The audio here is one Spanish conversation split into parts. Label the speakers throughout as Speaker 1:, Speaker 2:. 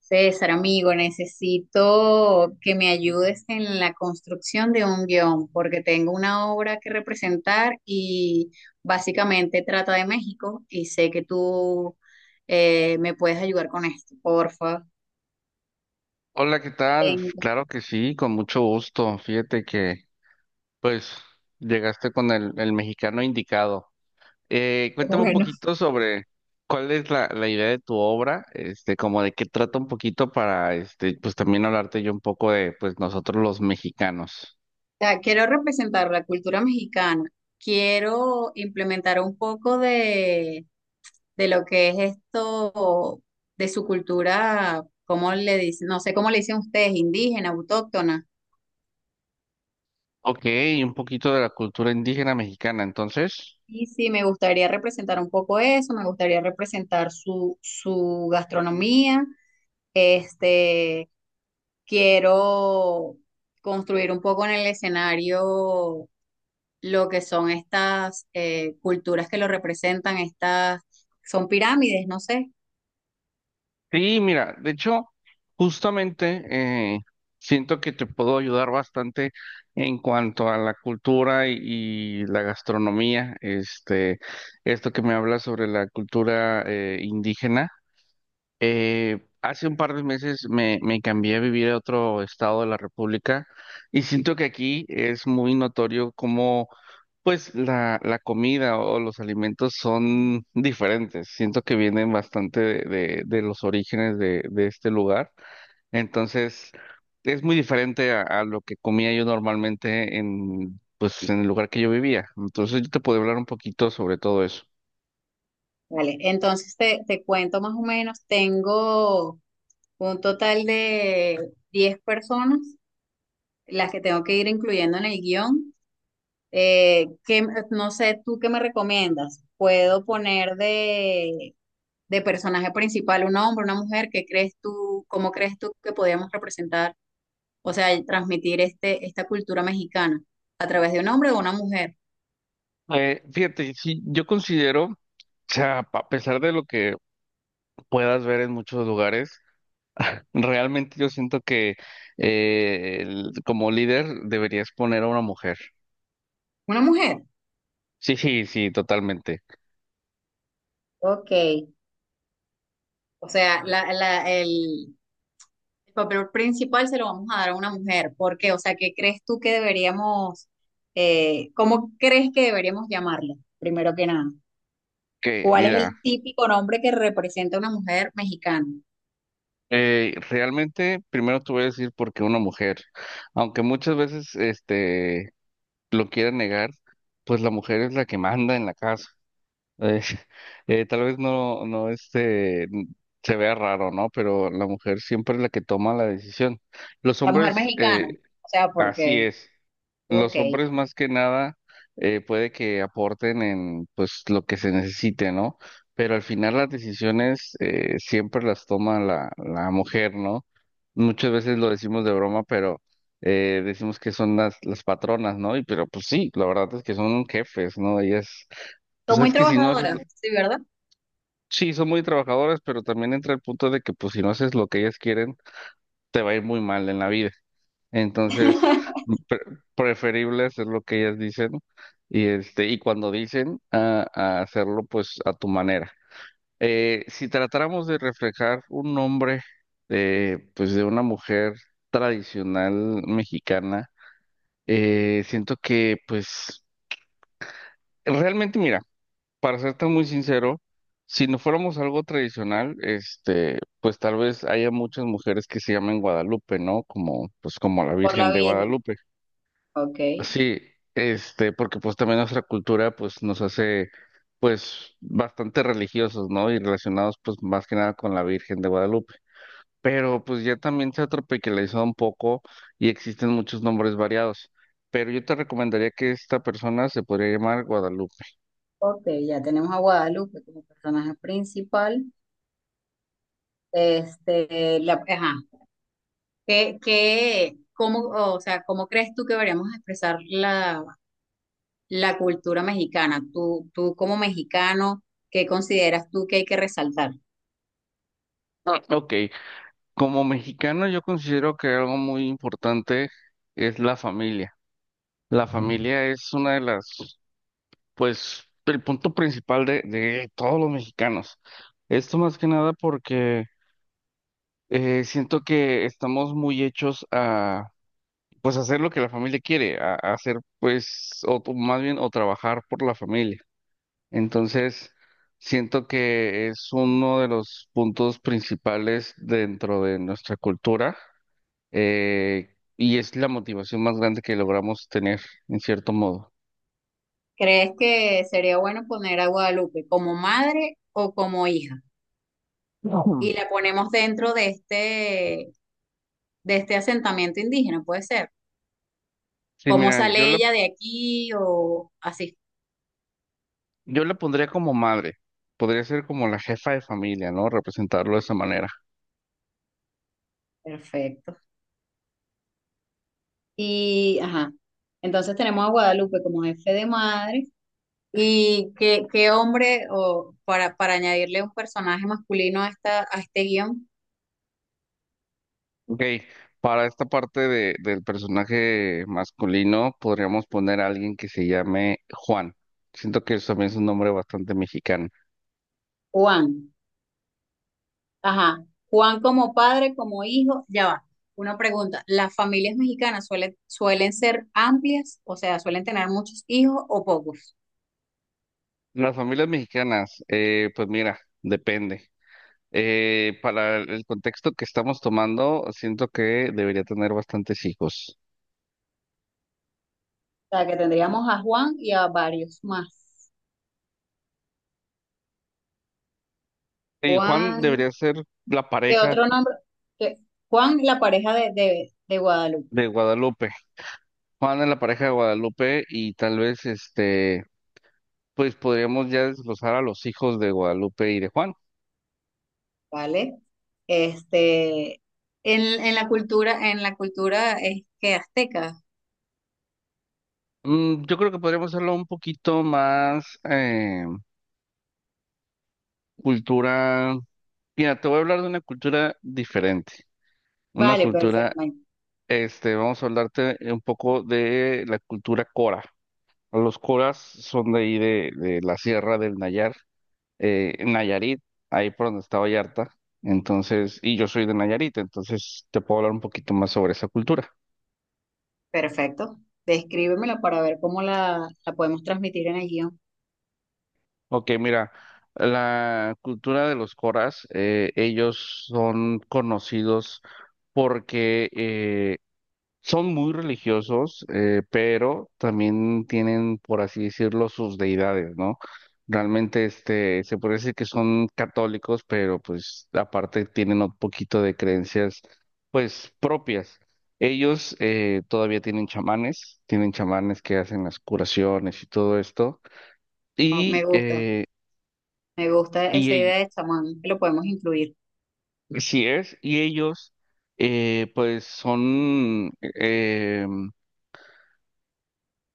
Speaker 1: César, amigo, necesito que me ayudes en la construcción de un guión, porque tengo una obra que representar y básicamente trata de México y sé que tú me puedes ayudar con esto, porfa.
Speaker 2: Hola, ¿qué tal?
Speaker 1: En-
Speaker 2: Claro que sí, con mucho gusto. Fíjate que, pues, llegaste con el mexicano indicado. Cuéntame un
Speaker 1: Bueno, o
Speaker 2: poquito sobre cuál es la idea de tu obra, este, como de qué trata un poquito para, este, pues también hablarte yo un poco de, pues, nosotros los mexicanos.
Speaker 1: sea, quiero representar la cultura mexicana, quiero implementar un poco de lo que es esto, de su cultura, ¿cómo le dicen? No sé cómo le dicen ustedes, indígena, autóctona.
Speaker 2: Ok, un poquito de la cultura indígena mexicana, entonces.
Speaker 1: Y sí, me gustaría representar un poco eso, me gustaría representar su gastronomía. Este, quiero construir un poco en el escenario lo que son estas culturas que lo representan, estas son pirámides, no sé.
Speaker 2: Sí, mira, de hecho, justamente eh, siento que te puedo ayudar bastante en cuanto a la cultura y la gastronomía. Este, esto que me hablas sobre la cultura indígena. Hace un par de meses me cambié a vivir a otro estado de la República y siento que aquí es muy notorio cómo pues la comida o los alimentos son diferentes. Siento que vienen bastante de, de los orígenes de este lugar. Entonces es muy diferente a lo que comía yo normalmente en pues en el lugar que yo vivía. Entonces yo te puedo hablar un poquito sobre todo eso.
Speaker 1: Vale, entonces te cuento más o menos, tengo un total de 10 personas, las que tengo que ir incluyendo en el guión. No sé, ¿tú qué me recomiendas? ¿Puedo poner de personaje principal un hombre, una mujer? ¿Qué crees tú, cómo crees tú que podríamos representar, o sea, y transmitir este, esta cultura mexicana a través de un hombre o una mujer?
Speaker 2: Fíjate, sí, yo considero, o sea, a pesar de lo que puedas ver en muchos lugares. Realmente yo siento que como líder deberías poner a una mujer.
Speaker 1: Una mujer.
Speaker 2: Sí, sí, sí, totalmente.
Speaker 1: Ok, o sea, el papel principal se lo vamos a dar a una mujer. ¿Por qué? O sea, ¿qué crees tú que deberíamos, cómo crees que deberíamos llamarla, primero que nada?
Speaker 2: Que
Speaker 1: ¿Cuál es
Speaker 2: mira,
Speaker 1: el típico nombre que representa una mujer mexicana?
Speaker 2: realmente primero te voy a decir por qué una mujer, aunque muchas veces este lo quieran negar, pues la mujer es la que manda en la casa. Eh, tal vez no, no este se vea raro, ¿no? Pero la mujer siempre es la que toma la decisión. Los
Speaker 1: La mujer
Speaker 2: hombres
Speaker 1: mexicana, o sea,
Speaker 2: así
Speaker 1: porque,
Speaker 2: es.
Speaker 1: ok,
Speaker 2: Los hombres más que nada puede que aporten en pues lo que se necesite, ¿no? Pero al final las decisiones siempre las toma la mujer, ¿no? Muchas veces lo decimos de broma, pero decimos que son las patronas, ¿no? Y pero pues sí, la verdad es que son jefes, ¿no? Ellas,
Speaker 1: son
Speaker 2: pues
Speaker 1: muy
Speaker 2: es que si no haces,
Speaker 1: trabajadoras, sí, ¿verdad?
Speaker 2: sí, son muy trabajadoras, pero también entra el punto de que pues si no haces lo que ellas quieren, te va a ir muy mal en la vida. Entonces, pre- preferible hacer lo que ellas dicen y este y cuando dicen a hacerlo pues a tu manera. Si tratáramos de reflejar un nombre de pues de una mujer tradicional mexicana, siento que pues realmente mira, para serte muy sincero, si no fuéramos algo tradicional, este, pues tal vez haya muchas mujeres que se llamen Guadalupe, ¿no? Como pues como la
Speaker 1: Por
Speaker 2: Virgen
Speaker 1: la
Speaker 2: de
Speaker 1: Virgen,
Speaker 2: Guadalupe.
Speaker 1: ok,
Speaker 2: Sí, este, porque pues también nuestra cultura pues nos hace pues bastante religiosos, ¿no? Y relacionados pues más que nada con la Virgen de Guadalupe. Pero pues ya también se ha tropicalizado un poco y existen muchos nombres variados. Pero yo te recomendaría que esta persona se podría llamar Guadalupe.
Speaker 1: ok, ya tenemos a Guadalupe como personaje principal. Este, la, ajá, o sea, ¿cómo crees tú que deberíamos expresar la cultura mexicana? Tú como mexicano, ¿qué consideras tú que hay que resaltar?
Speaker 2: Ah, ok, como mexicano yo considero que algo muy importante es la familia. La familia es una de las pues el punto principal de todos los mexicanos. Esto más que nada porque siento que estamos muy hechos a pues hacer lo que la familia quiere, a hacer pues, o más bien, o trabajar por la familia. Entonces, siento que es uno de los puntos principales dentro de nuestra cultura y es la motivación más grande que logramos tener, en cierto modo.
Speaker 1: ¿Crees que sería bueno poner a Guadalupe como madre o como hija?
Speaker 2: Ujú.
Speaker 1: Y la ponemos dentro de este asentamiento indígena, puede ser.
Speaker 2: Sí,
Speaker 1: ¿Cómo
Speaker 2: mira, yo
Speaker 1: sale
Speaker 2: la
Speaker 1: ella de aquí o así?
Speaker 2: yo le pondría como madre, podría ser como la jefa de familia, ¿no? Representarlo de esa manera.
Speaker 1: Perfecto. Y, ajá, entonces tenemos a Guadalupe como jefe de madre. ¿Y qué hombre, o para añadirle un personaje masculino a, esta, a este guión?
Speaker 2: Ok, para esta parte de, del personaje masculino podríamos poner a alguien que se llame Juan. Siento que eso también es un nombre bastante mexicano.
Speaker 1: Juan. Ajá. Juan como padre, como hijo, ya va. Una pregunta, ¿las familias mexicanas suelen ser amplias? O sea, ¿suelen tener muchos hijos o pocos?
Speaker 2: Las familias mexicanas, pues mira, depende. Para el contexto que estamos tomando, siento que debería tener bastantes hijos.
Speaker 1: O sea, que tendríamos a Juan y a varios más.
Speaker 2: Y Juan
Speaker 1: Juan,
Speaker 2: debería ser la
Speaker 1: ¿qué
Speaker 2: pareja
Speaker 1: otro nombre? ¿Qué? Juan, la pareja de Guadalupe,
Speaker 2: de Guadalupe. Juan es la pareja de Guadalupe y tal vez este, pues podríamos ya desglosar a los hijos de Guadalupe y de Juan.
Speaker 1: ¿vale? Este, en la cultura es que azteca.
Speaker 2: Yo creo que podríamos hacerlo un poquito más cultura. Mira, te voy a hablar de una cultura diferente. Una
Speaker 1: Vale,
Speaker 2: cultura,
Speaker 1: perfecto,
Speaker 2: este, vamos a hablarte un poco de la cultura cora. Los coras son de ahí de la Sierra del Nayar en Nayarit, ahí por donde está Vallarta. Entonces, y yo soy de Nayarit, entonces te puedo hablar un poquito más sobre esa cultura.
Speaker 1: perfecto. Descríbemela para ver cómo la podemos transmitir en el guión.
Speaker 2: Ok, mira, la cultura de los coras, ellos son conocidos porque son muy religiosos, pero también tienen, por así decirlo, sus deidades, ¿no? Realmente, este, se puede decir que son católicos, pero pues aparte tienen un poquito de creencias, pues propias. Ellos todavía tienen chamanes que hacen las curaciones y todo esto.
Speaker 1: Oh,
Speaker 2: Y,
Speaker 1: me gusta
Speaker 2: y
Speaker 1: esa idea
Speaker 2: ell-
Speaker 1: de chamán, que lo podemos incluir.
Speaker 2: así es, y ellos, pues son,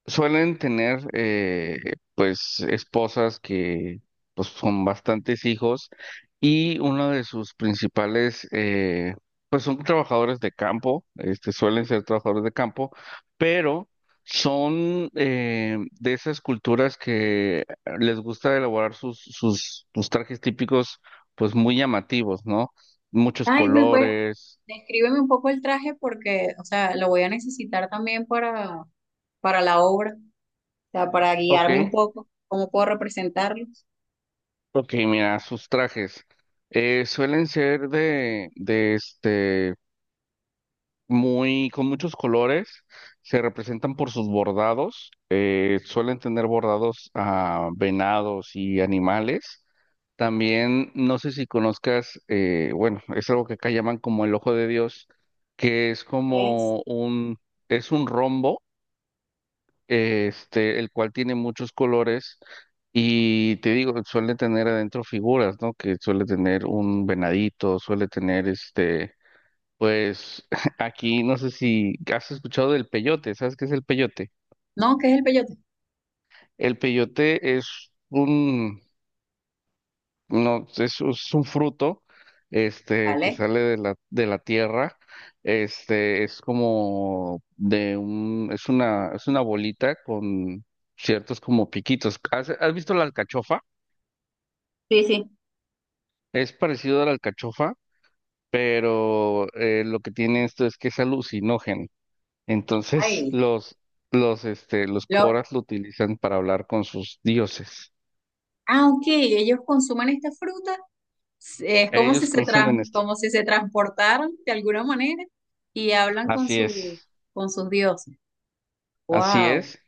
Speaker 2: suelen tener, pues, esposas que, pues, son bastantes hijos y uno de sus principales, pues, son trabajadores de campo, este, suelen ser trabajadores de campo, pero son de esas culturas que les gusta elaborar sus, sus, sus trajes típicos, pues, muy llamativos, ¿no? Muchos
Speaker 1: Ay, me puede,
Speaker 2: colores.
Speaker 1: descríbeme un poco el traje porque, o sea, lo voy a necesitar también para la obra, o sea, para
Speaker 2: Ok.
Speaker 1: guiarme un poco, cómo puedo representarlo.
Speaker 2: Ok, mira, sus trajes suelen ser de este, muy, con muchos colores, se representan por sus bordados, suelen tener bordados a venados y animales. También, no sé si conozcas, bueno, es algo que acá llaman como el ojo de Dios, que es
Speaker 1: ¿Qué es?
Speaker 2: como un, es un rombo este, el cual tiene muchos colores y te digo, suele tener adentro figuras, ¿no? Que suele tener un venadito, suele tener este, pues aquí no sé si has escuchado del peyote, ¿sabes qué es el peyote?
Speaker 1: No, ¿qué es el peyote?
Speaker 2: El peyote es un no, es un fruto, este, que
Speaker 1: ¿Vale?
Speaker 2: sale de la tierra, este, es como de un, es una bolita con ciertos como piquitos. ¿Has, has visto la alcachofa?
Speaker 1: Sí, sí.
Speaker 2: Es parecido a la alcachofa, pero lo que tiene esto es que es alucinógeno. Entonces,
Speaker 1: Ay,
Speaker 2: los, este, los
Speaker 1: lo,
Speaker 2: coras lo utilizan para hablar con sus dioses.
Speaker 1: ah, ok, ellos consumen esta fruta, es como si
Speaker 2: Ellos consumen esto.
Speaker 1: como si se transportaran de alguna manera y hablan con
Speaker 2: Así es,
Speaker 1: su, con sus dioses.
Speaker 2: así
Speaker 1: Wow.
Speaker 2: es.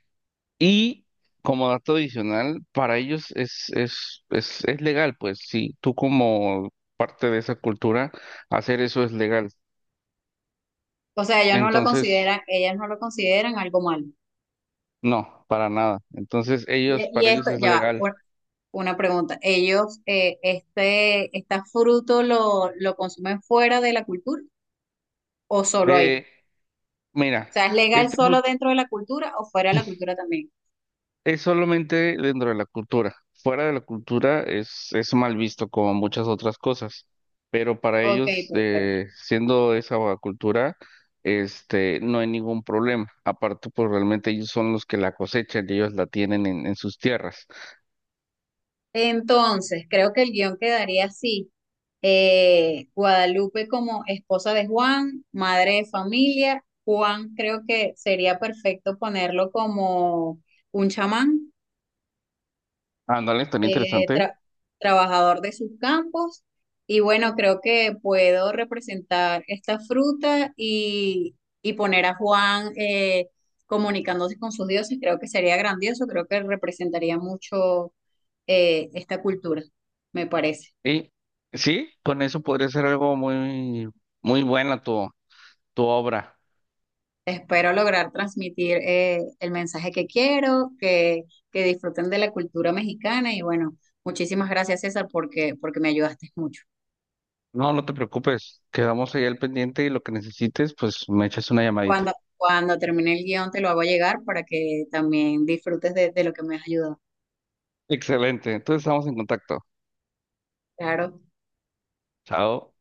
Speaker 2: Y como dato adicional, para ellos es legal, pues si tú como parte de esa cultura, hacer eso es legal.
Speaker 1: O sea, ellos no lo consideran,
Speaker 2: Entonces,
Speaker 1: ellas no lo consideran algo malo.
Speaker 2: no, para nada. Entonces, ellos,
Speaker 1: Y
Speaker 2: para ellos
Speaker 1: esto,
Speaker 2: es
Speaker 1: ya va,
Speaker 2: legal.
Speaker 1: por- una pregunta. ¿Ellos, este, este fruto lo consumen fuera de la cultura o solo ahí?
Speaker 2: Eh,
Speaker 1: O
Speaker 2: Mira,
Speaker 1: sea, ¿es legal
Speaker 2: este
Speaker 1: solo
Speaker 2: fruto
Speaker 1: dentro de la cultura o fuera de la cultura también?
Speaker 2: es solamente dentro de la cultura. Fuera de la cultura es mal visto como muchas otras cosas. Pero para
Speaker 1: Ok,
Speaker 2: ellos,
Speaker 1: perfecto.
Speaker 2: siendo esa cultura, este, no hay ningún problema. Aparte, pues realmente ellos son los que la cosechan y ellos la tienen en sus tierras.
Speaker 1: Entonces, creo que el guión quedaría así. Guadalupe como esposa de Juan, madre de familia. Juan creo que sería perfecto ponerlo como un chamán
Speaker 2: Ándale, tan
Speaker 1: eh,
Speaker 2: interesante.
Speaker 1: tra- trabajador de sus campos y bueno, creo que puedo representar esta fruta y poner a Juan comunicándose con sus dioses, creo que sería grandioso, creo que representaría mucho esta cultura, me parece.
Speaker 2: Y sí, con eso podría ser algo muy, muy buena tu, tu obra.
Speaker 1: Espero lograr transmitir el mensaje que quiero, que disfruten de la cultura mexicana y bueno, muchísimas gracias César porque, porque me ayudaste mucho.
Speaker 2: No, no te preocupes. Quedamos ahí al pendiente y lo que necesites, pues me echas una llamadita.
Speaker 1: Cuando, cuando termine el guión te lo hago llegar para que también disfrutes de lo que me has ayudado.
Speaker 2: Excelente. Entonces estamos en contacto.
Speaker 1: Claro.
Speaker 2: Chao.